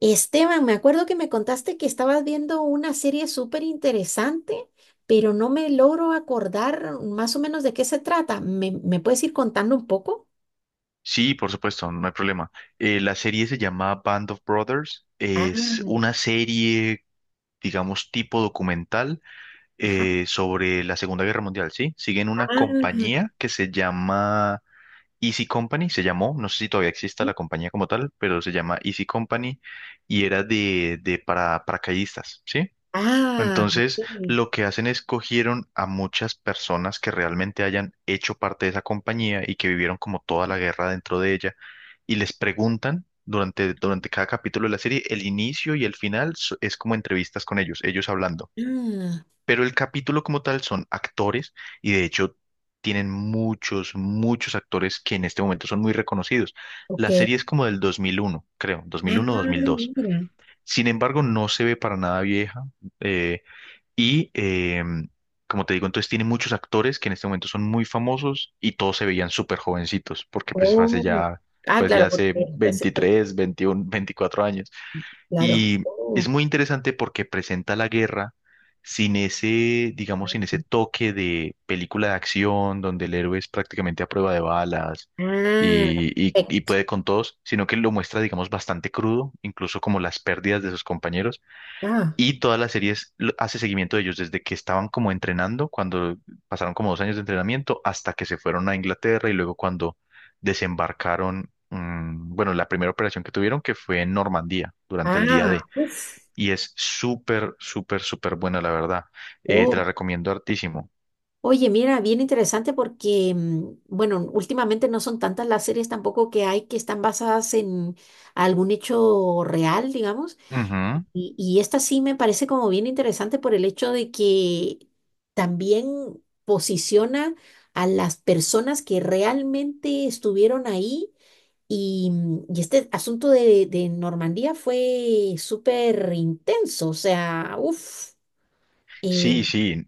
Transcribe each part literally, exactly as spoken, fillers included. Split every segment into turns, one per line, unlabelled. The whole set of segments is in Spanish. Esteban, me acuerdo que me contaste que estabas viendo una serie súper interesante, pero no me logro acordar más o menos de qué se trata. ¿Me, me puedes ir contando un poco?
Sí, por supuesto, no hay problema. Eh, la serie se llama Band of Brothers. Es una serie, digamos, tipo documental eh, sobre la Segunda Guerra Mundial, ¿sí? Siguen una compañía que se llama Easy Company, se llamó, no sé si todavía exista
Sí.
la compañía como tal, pero se llama Easy Company y era de, de para, paracaidistas, ¿sí?
Ah,
Entonces,
ok.
lo que hacen es cogieron a muchas personas que realmente hayan hecho parte de esa compañía y que vivieron como toda la guerra dentro de ella y les preguntan durante, durante cada capítulo de la serie, el inicio y el final so- es como entrevistas con ellos, ellos hablando.
Ah,
Pero el capítulo como tal son actores y de hecho tienen muchos, muchos actores que en este momento son muy reconocidos. La
ok.
serie es como del dos mil uno creo, dos
Ah,
mil uno dos mil dos.
mira.
Sin embargo, no se ve para nada vieja. eh, y eh, Como te digo, entonces tiene muchos actores que en este momento son muy famosos y todos se veían súper jovencitos, porque pues fue hace
Oh.
ya,
Ah,
pues
claro,
ya hace
porque hace tiempo.
veintitrés veintiuno, veinticuatro años.
Claro.
Y es
Oh.
muy interesante porque presenta la guerra sin ese, digamos, sin ese toque de película de acción, donde el héroe es prácticamente a prueba de balas.
Ah,
Y, y y
perfecto.
puede con todos, sino que lo muestra, digamos, bastante crudo, incluso como las pérdidas de sus compañeros
Ah,
y todas las series lo- hace seguimiento de ellos desde que estaban como entrenando, cuando pasaron como dos años de entrenamiento, hasta que se fueron a Inglaterra y luego cuando desembarcaron, mm, bueno, la primera operación que tuvieron que fue en Normandía durante el día
ah,
D. Y es súper, súper, súper buena, la verdad. Eh, te
uf.
la recomiendo hartísimo.
Oye, mira, bien interesante porque, mm, bueno, últimamente no son tantas las series tampoco que hay que están basadas en algún hecho real, digamos.
Ujú.
Y, y esta sí me parece como bien interesante por el hecho de que también posiciona a las personas que realmente estuvieron ahí. Y, mm, y este asunto de, de Normandía fue súper intenso, o sea, uff.
Sí, sí.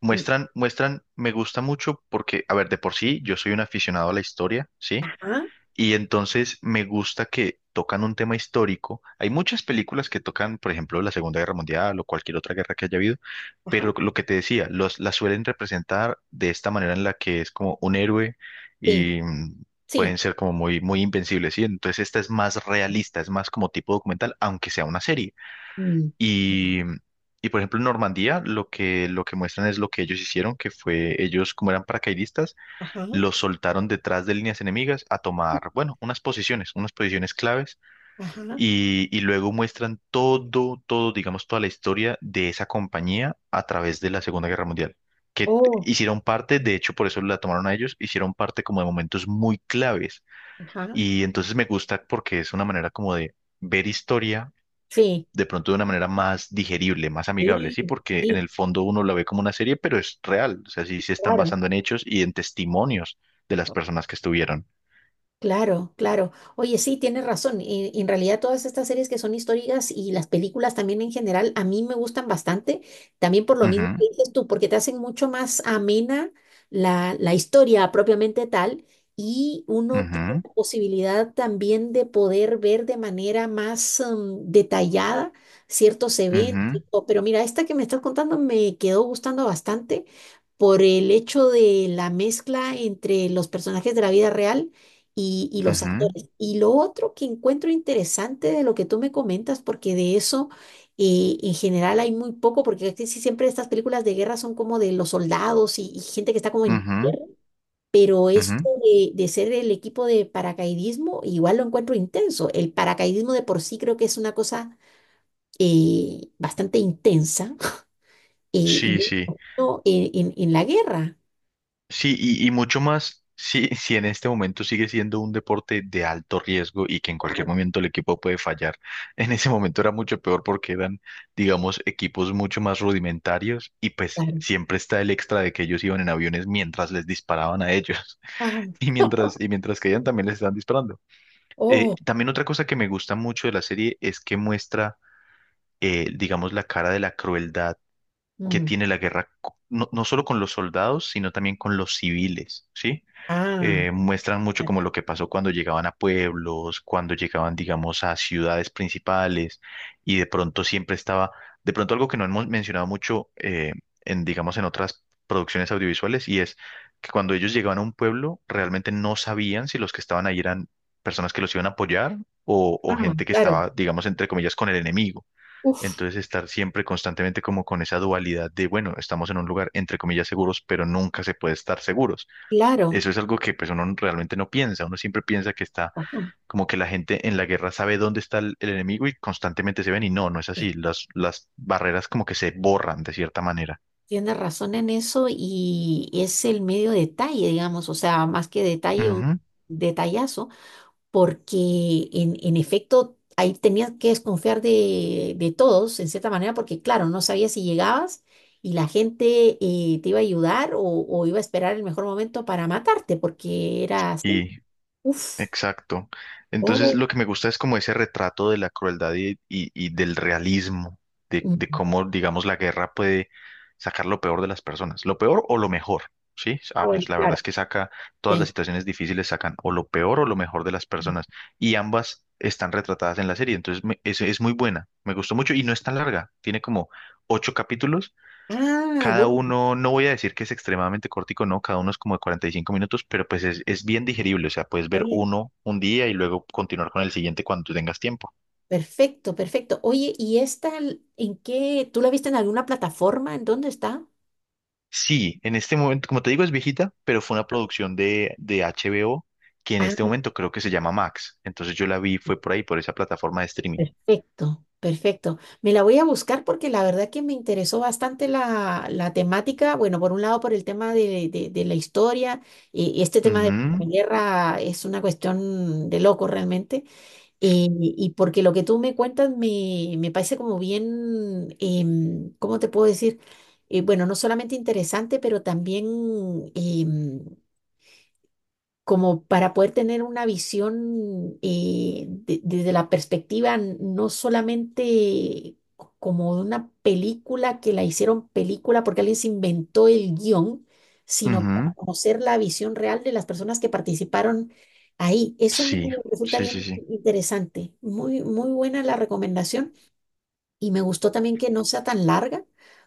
Muestran, muestran, me gusta mucho porque, a ver, de por sí, yo soy un aficionado a la historia, ¿sí?
Ajá,
Y entonces me gusta que tocan un tema histórico. Hay muchas películas que tocan, por ejemplo, la Segunda Guerra Mundial o cualquier otra guerra que haya habido,
ajá,
pero lo que te decía, los, las suelen representar de esta manera en la que es como un héroe
sí,
y mm,
sí.
pueden ser como muy, muy invencibles, ¿sí? Entonces esta es más realista, es más como tipo documental, aunque sea una serie.
Mm, mm.
Y, mm, y por ejemplo, en Normandía lo que, lo que muestran es lo que ellos hicieron, que fue ellos como eran paracaidistas,
Ajá,
los soltaron detrás de líneas enemigas a tomar, bueno, unas posiciones, unas posiciones claves,
ajá.
y, y luego muestran todo, todo, digamos, toda la historia de esa compañía a través de la Segunda Guerra Mundial, que
Oh,
hicieron parte, de hecho, por eso la tomaron a ellos, hicieron parte como de momentos muy claves,
ajá.
y entonces me gusta porque es una manera como de ver historia
Sí,
de pronto de una manera más digerible, más amigable,
sí,
¿sí? Porque en
sí,
el fondo uno la ve como una serie, pero es real, o sea, sí se están
claro.
basando en hechos y en testimonios de las personas que estuvieron.
Claro, claro. Oye, sí, tienes razón. Y, y en realidad todas estas series que son históricas y las películas también en general, a mí me gustan bastante, también por lo mismo que
Ujú,
dices tú, porque te hacen mucho más amena la, la historia propiamente tal y uno tiene
ujú,
la posibilidad también de poder ver de manera más em, detallada ciertos eventos.
ujú,
Pero mira, esta que me estás contando me quedó gustando bastante por el hecho de la mezcla entre los personajes de la vida real y, y los
ujú,
actores. Y lo otro que encuentro interesante de lo que tú me comentas, porque de eso eh, en general hay muy poco, porque casi siempre estas películas de guerra son como de los soldados y, y gente que está como en.
ujú,
Pero esto
ujú.
de, de ser el equipo de paracaidismo, igual lo encuentro intenso. El paracaidismo de por sí creo que es una cosa eh, bastante intensa eh, y
Sí, sí.
no en, en- en la guerra.
Sí, y, y mucho más si, si en este momento sigue siendo un deporte de alto riesgo y que en cualquier momento el equipo puede fallar. En ese momento era mucho peor porque eran, digamos, equipos mucho más rudimentarios y pues
Claro.
siempre está el extra de que ellos iban en aviones mientras les disparaban a ellos
Ah,
y mientras, y mientras caían también les estaban disparando. Eh,
oh,
también otra cosa que me gusta mucho de la serie es que muestra, eh, digamos, la cara de la crueldad que
mm,
tiene la guerra, co- no, no solo con los soldados, sino también con los civiles, ¿sí?
ah,
Eh, muestran mucho como lo que pasó cuando llegaban a pueblos, cuando llegaban, digamos, a ciudades principales y de pronto siempre estaba, de pronto algo que no hemos mencionado mucho eh, en, digamos, en otras producciones audiovisuales y es que cuando ellos llegaban a un pueblo realmente no sabían si los que estaban ahí eran personas que los iban a apoyar o, o
ah,
gente que estaba,
claro.
digamos, entre comillas, con el enemigo.
Uf,
Entonces estar siempre constantemente como con esa dualidad de, bueno, estamos en un lugar entre comillas seguros, pero nunca se puede estar seguros.
claro,
Eso es algo que pues uno realmente no piensa, uno siempre piensa que está
razón.
como que la gente en la guerra sabe dónde está el, el enemigo y constantemente se ven y no, no es
Sí.
así, las, las barreras como que se borran de cierta manera.
Tienes razón en eso y es el medio detalle, digamos, o sea, más que detalle, un
Ujú.
detallazo, porque en, en efecto ahí tenías que desconfiar de, de todos, en cierta manera, porque claro, no sabías si llegabas y la gente eh, te iba a ayudar o, o iba a esperar el mejor momento para matarte, porque era así.
Y
Uf,
Exacto. Entonces
oh,
lo que me gusta es como ese retrato de la crueldad y, y- y del realismo, de, de
mm,
cómo, digamos, la guerra puede sacar lo peor de las personas, lo peor o lo mejor, ¿sí?
ah,
Ah,
bueno,
pues, la verdad
claro.
es que saca, todas las
Sí.
situaciones difíciles sacan o lo peor o lo mejor de las personas y ambas están retratadas en la serie, entonces me- es, es muy buena, me gustó mucho y no es tan larga, tiene como ocho capítulos.
Ah,
Cada
bueno,
uno, no voy a decir que es extremadamente cortico, no, cada uno es como de cuarenta y cinco minutos, pero pues es, es bien digerible, o sea, puedes
está
ver
bien.
uno un día y luego continuar con el siguiente cuando tú tengas tiempo.
Perfecto, perfecto. Oye, ¿y esta l- en qué? ¿Tú la viste en alguna plataforma? ¿En dónde está?
Sí, en este momento, como te digo, es viejita, pero fue una producción de, de H B O que en
Ah,
este momento creo que se llama Max, entonces yo la vi, fue por ahí, por esa plataforma de streaming.
perfecto, perfecto. Me la voy a buscar porque la verdad que me interesó bastante la, la temática. Bueno, por un lado, por el tema de, de- de la historia y, y este tema de
Ujú,
la guerra es una cuestión de loco realmente. Eh, y porque lo que tú me cuentas me, me parece como bien, em, ¿cómo te puedo decir? Eh, bueno, no solamente interesante, pero también em, como para poder tener una visión eh, de- desde la perspectiva n- no solamente co- como de una película que la hicieron película porque alguien se inventó el guión, sino para
ujú.
conocer la visión real de las personas que participaron ahí. Eso me
Sí,
resulta
sí, sí,
bien
sí.
interesante. Muy, muy buena la recomendación. Y me gustó también que no sea tan larga,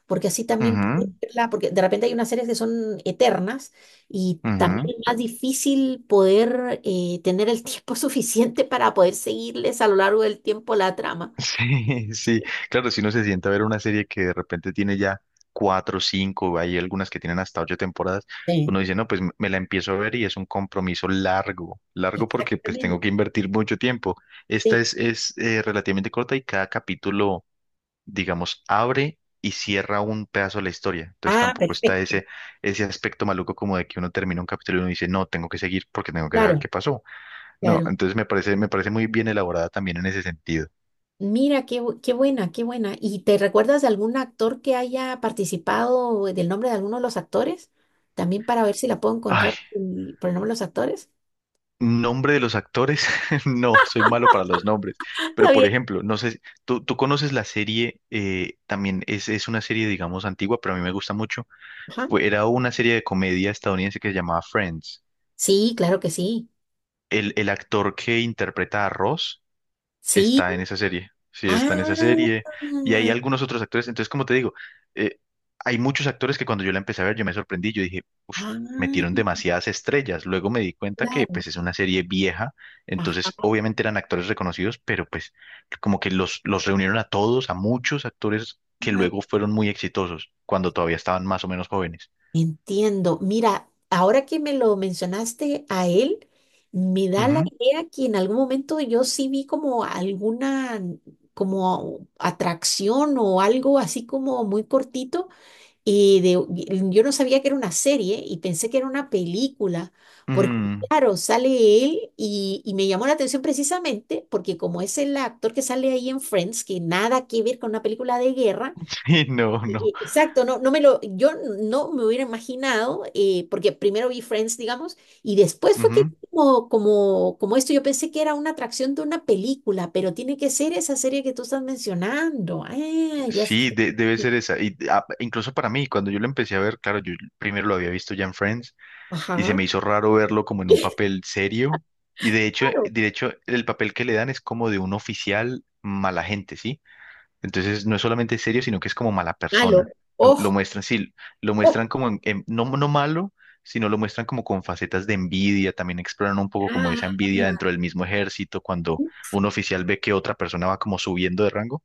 porque así también puedo
Ujú,
verla, porque de repente hay unas series que son eternas y
ujú.
también es más difícil poder eh, tener el tiempo suficiente para poder seguirles a lo largo del tiempo la trama.
Sí, sí, claro, si uno se sienta a ver una serie que de repente tiene ya cuatro, cinco, hay algunas que tienen hasta ocho temporadas,
Sí,
uno dice, no, pues me me la empiezo a ver y es un compromiso largo, largo porque pues
exactamente.
tengo que invertir mucho tiempo. Esta es, es eh, relativamente corta y cada capítulo, digamos, abre y cierra un pedazo de la historia. Entonces
Ah,
tampoco está
perfecto.
ese, ese aspecto maluco como de que uno termina un capítulo y uno dice, no, tengo que seguir porque tengo que saber
Claro,
qué pasó. No,
claro.
entonces me parece, me parece muy bien elaborada también en ese sentido.
Mira, qué, bu- qué buena, qué buena. ¿Y te recuerdas de algún actor que haya participado, del nombre de alguno de los actores? También para ver si la puedo
Ay,
encontrar por el por el nombre de los actores.
nombre de los actores, no, soy malo para los nombres.
Está
Pero por
bien.
ejemplo, no sé, si- tú, tú conoces la serie, eh, también es, es una serie, digamos, antigua, pero a mí me gusta mucho.
Ajá.
Fue, era una serie de comedia estadounidense que se llamaba Friends.
Sí, claro que sí.
El, el actor que interpreta a Ross
Sí.
está en esa serie. Sí, está en esa
Ah,
serie. Y hay algunos otros actores. Entonces, como te digo, eh, hay muchos actores que cuando yo la empecé a ver, yo me sorprendí. Yo dije, uff, metieron
ah,
demasiadas estrellas. Luego me di cuenta que
claro.
pues es una serie vieja. Entonces,
Ajá.
obviamente eran actores reconocidos, pero pues como que los, los reunieron a todos, a muchos actores que luego fueron muy exitosos cuando todavía estaban más o menos jóvenes.
Entiendo. Mira, ahora que me lo mencionaste a él, me da la
Ujú,
idea que en algún momento yo sí vi como alguna como atracción o algo así como muy cortito. Y de, y yo no sabía que era una serie y pensé que era una película, porque
ujú.
claro, sale él y, y me llamó la atención precisamente porque como es el actor que sale ahí en Friends, que nada que ver con una película de guerra,
Sí, no,
e-
no.
e- exacto, no, no me lo, yo no me hubiera imaginado, eh, porque primero vi Friends, digamos, y después fue que
Ujú.
como, como, como esto, yo pensé que era una atracción de una película, pero tiene que ser esa serie que tú estás mencionando. Ah, ya sé.
Sí, de- debe ser esa. Y, ah, incluso para mí, cuando yo lo empecé a ver, claro, yo primero lo había visto ya en Friends y se
Ajá.
me hizo raro verlo como en un papel serio. Y de hecho, de hecho, el papel que le dan es como de un oficial mala gente, ¿sí? Entonces no es solamente serio, sino que es como mala
Malo.
persona. Lo,
Oh,
lo muestran, sí, lo
oh,
muestran como en- en- no, no malo, sino lo muestran como con facetas de envidia. También exploran un poco como esa
ah,
envidia dentro del mismo ejército, cuando un oficial ve que otra persona va como subiendo de rango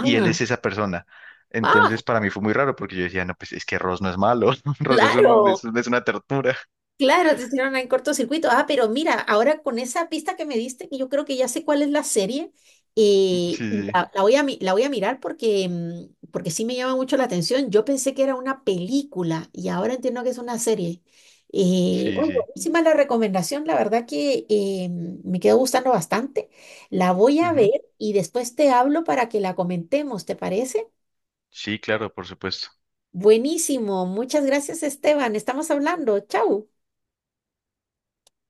y él es esa persona.
ah,
Entonces para mí fue muy raro porque yo decía, no, pues es que Ross no es malo, Ross es un, es,
claro,
un- es una tortura.
claro, te hicieron en cortocircuito. Ah, pero mira, ahora con esa pista que me diste, que yo creo que ya sé cuál es la serie, eh,
Sí,
y
sí,
la, la voy a, mi- la voy a mirar porque, mm, porque sí me llama mucho la atención. Yo pensé que era una película y ahora entiendo que es una serie. Eh,
sí,
oye,
sí.
buenísima la recomendación, la verdad que eh, me quedó gustando bastante. La voy a ver
Ujú.
y después te hablo para que la comentemos, ¿te parece?
Sí, claro, por supuesto.
Buenísimo. Muchas gracias, Esteban. Estamos hablando. Chau.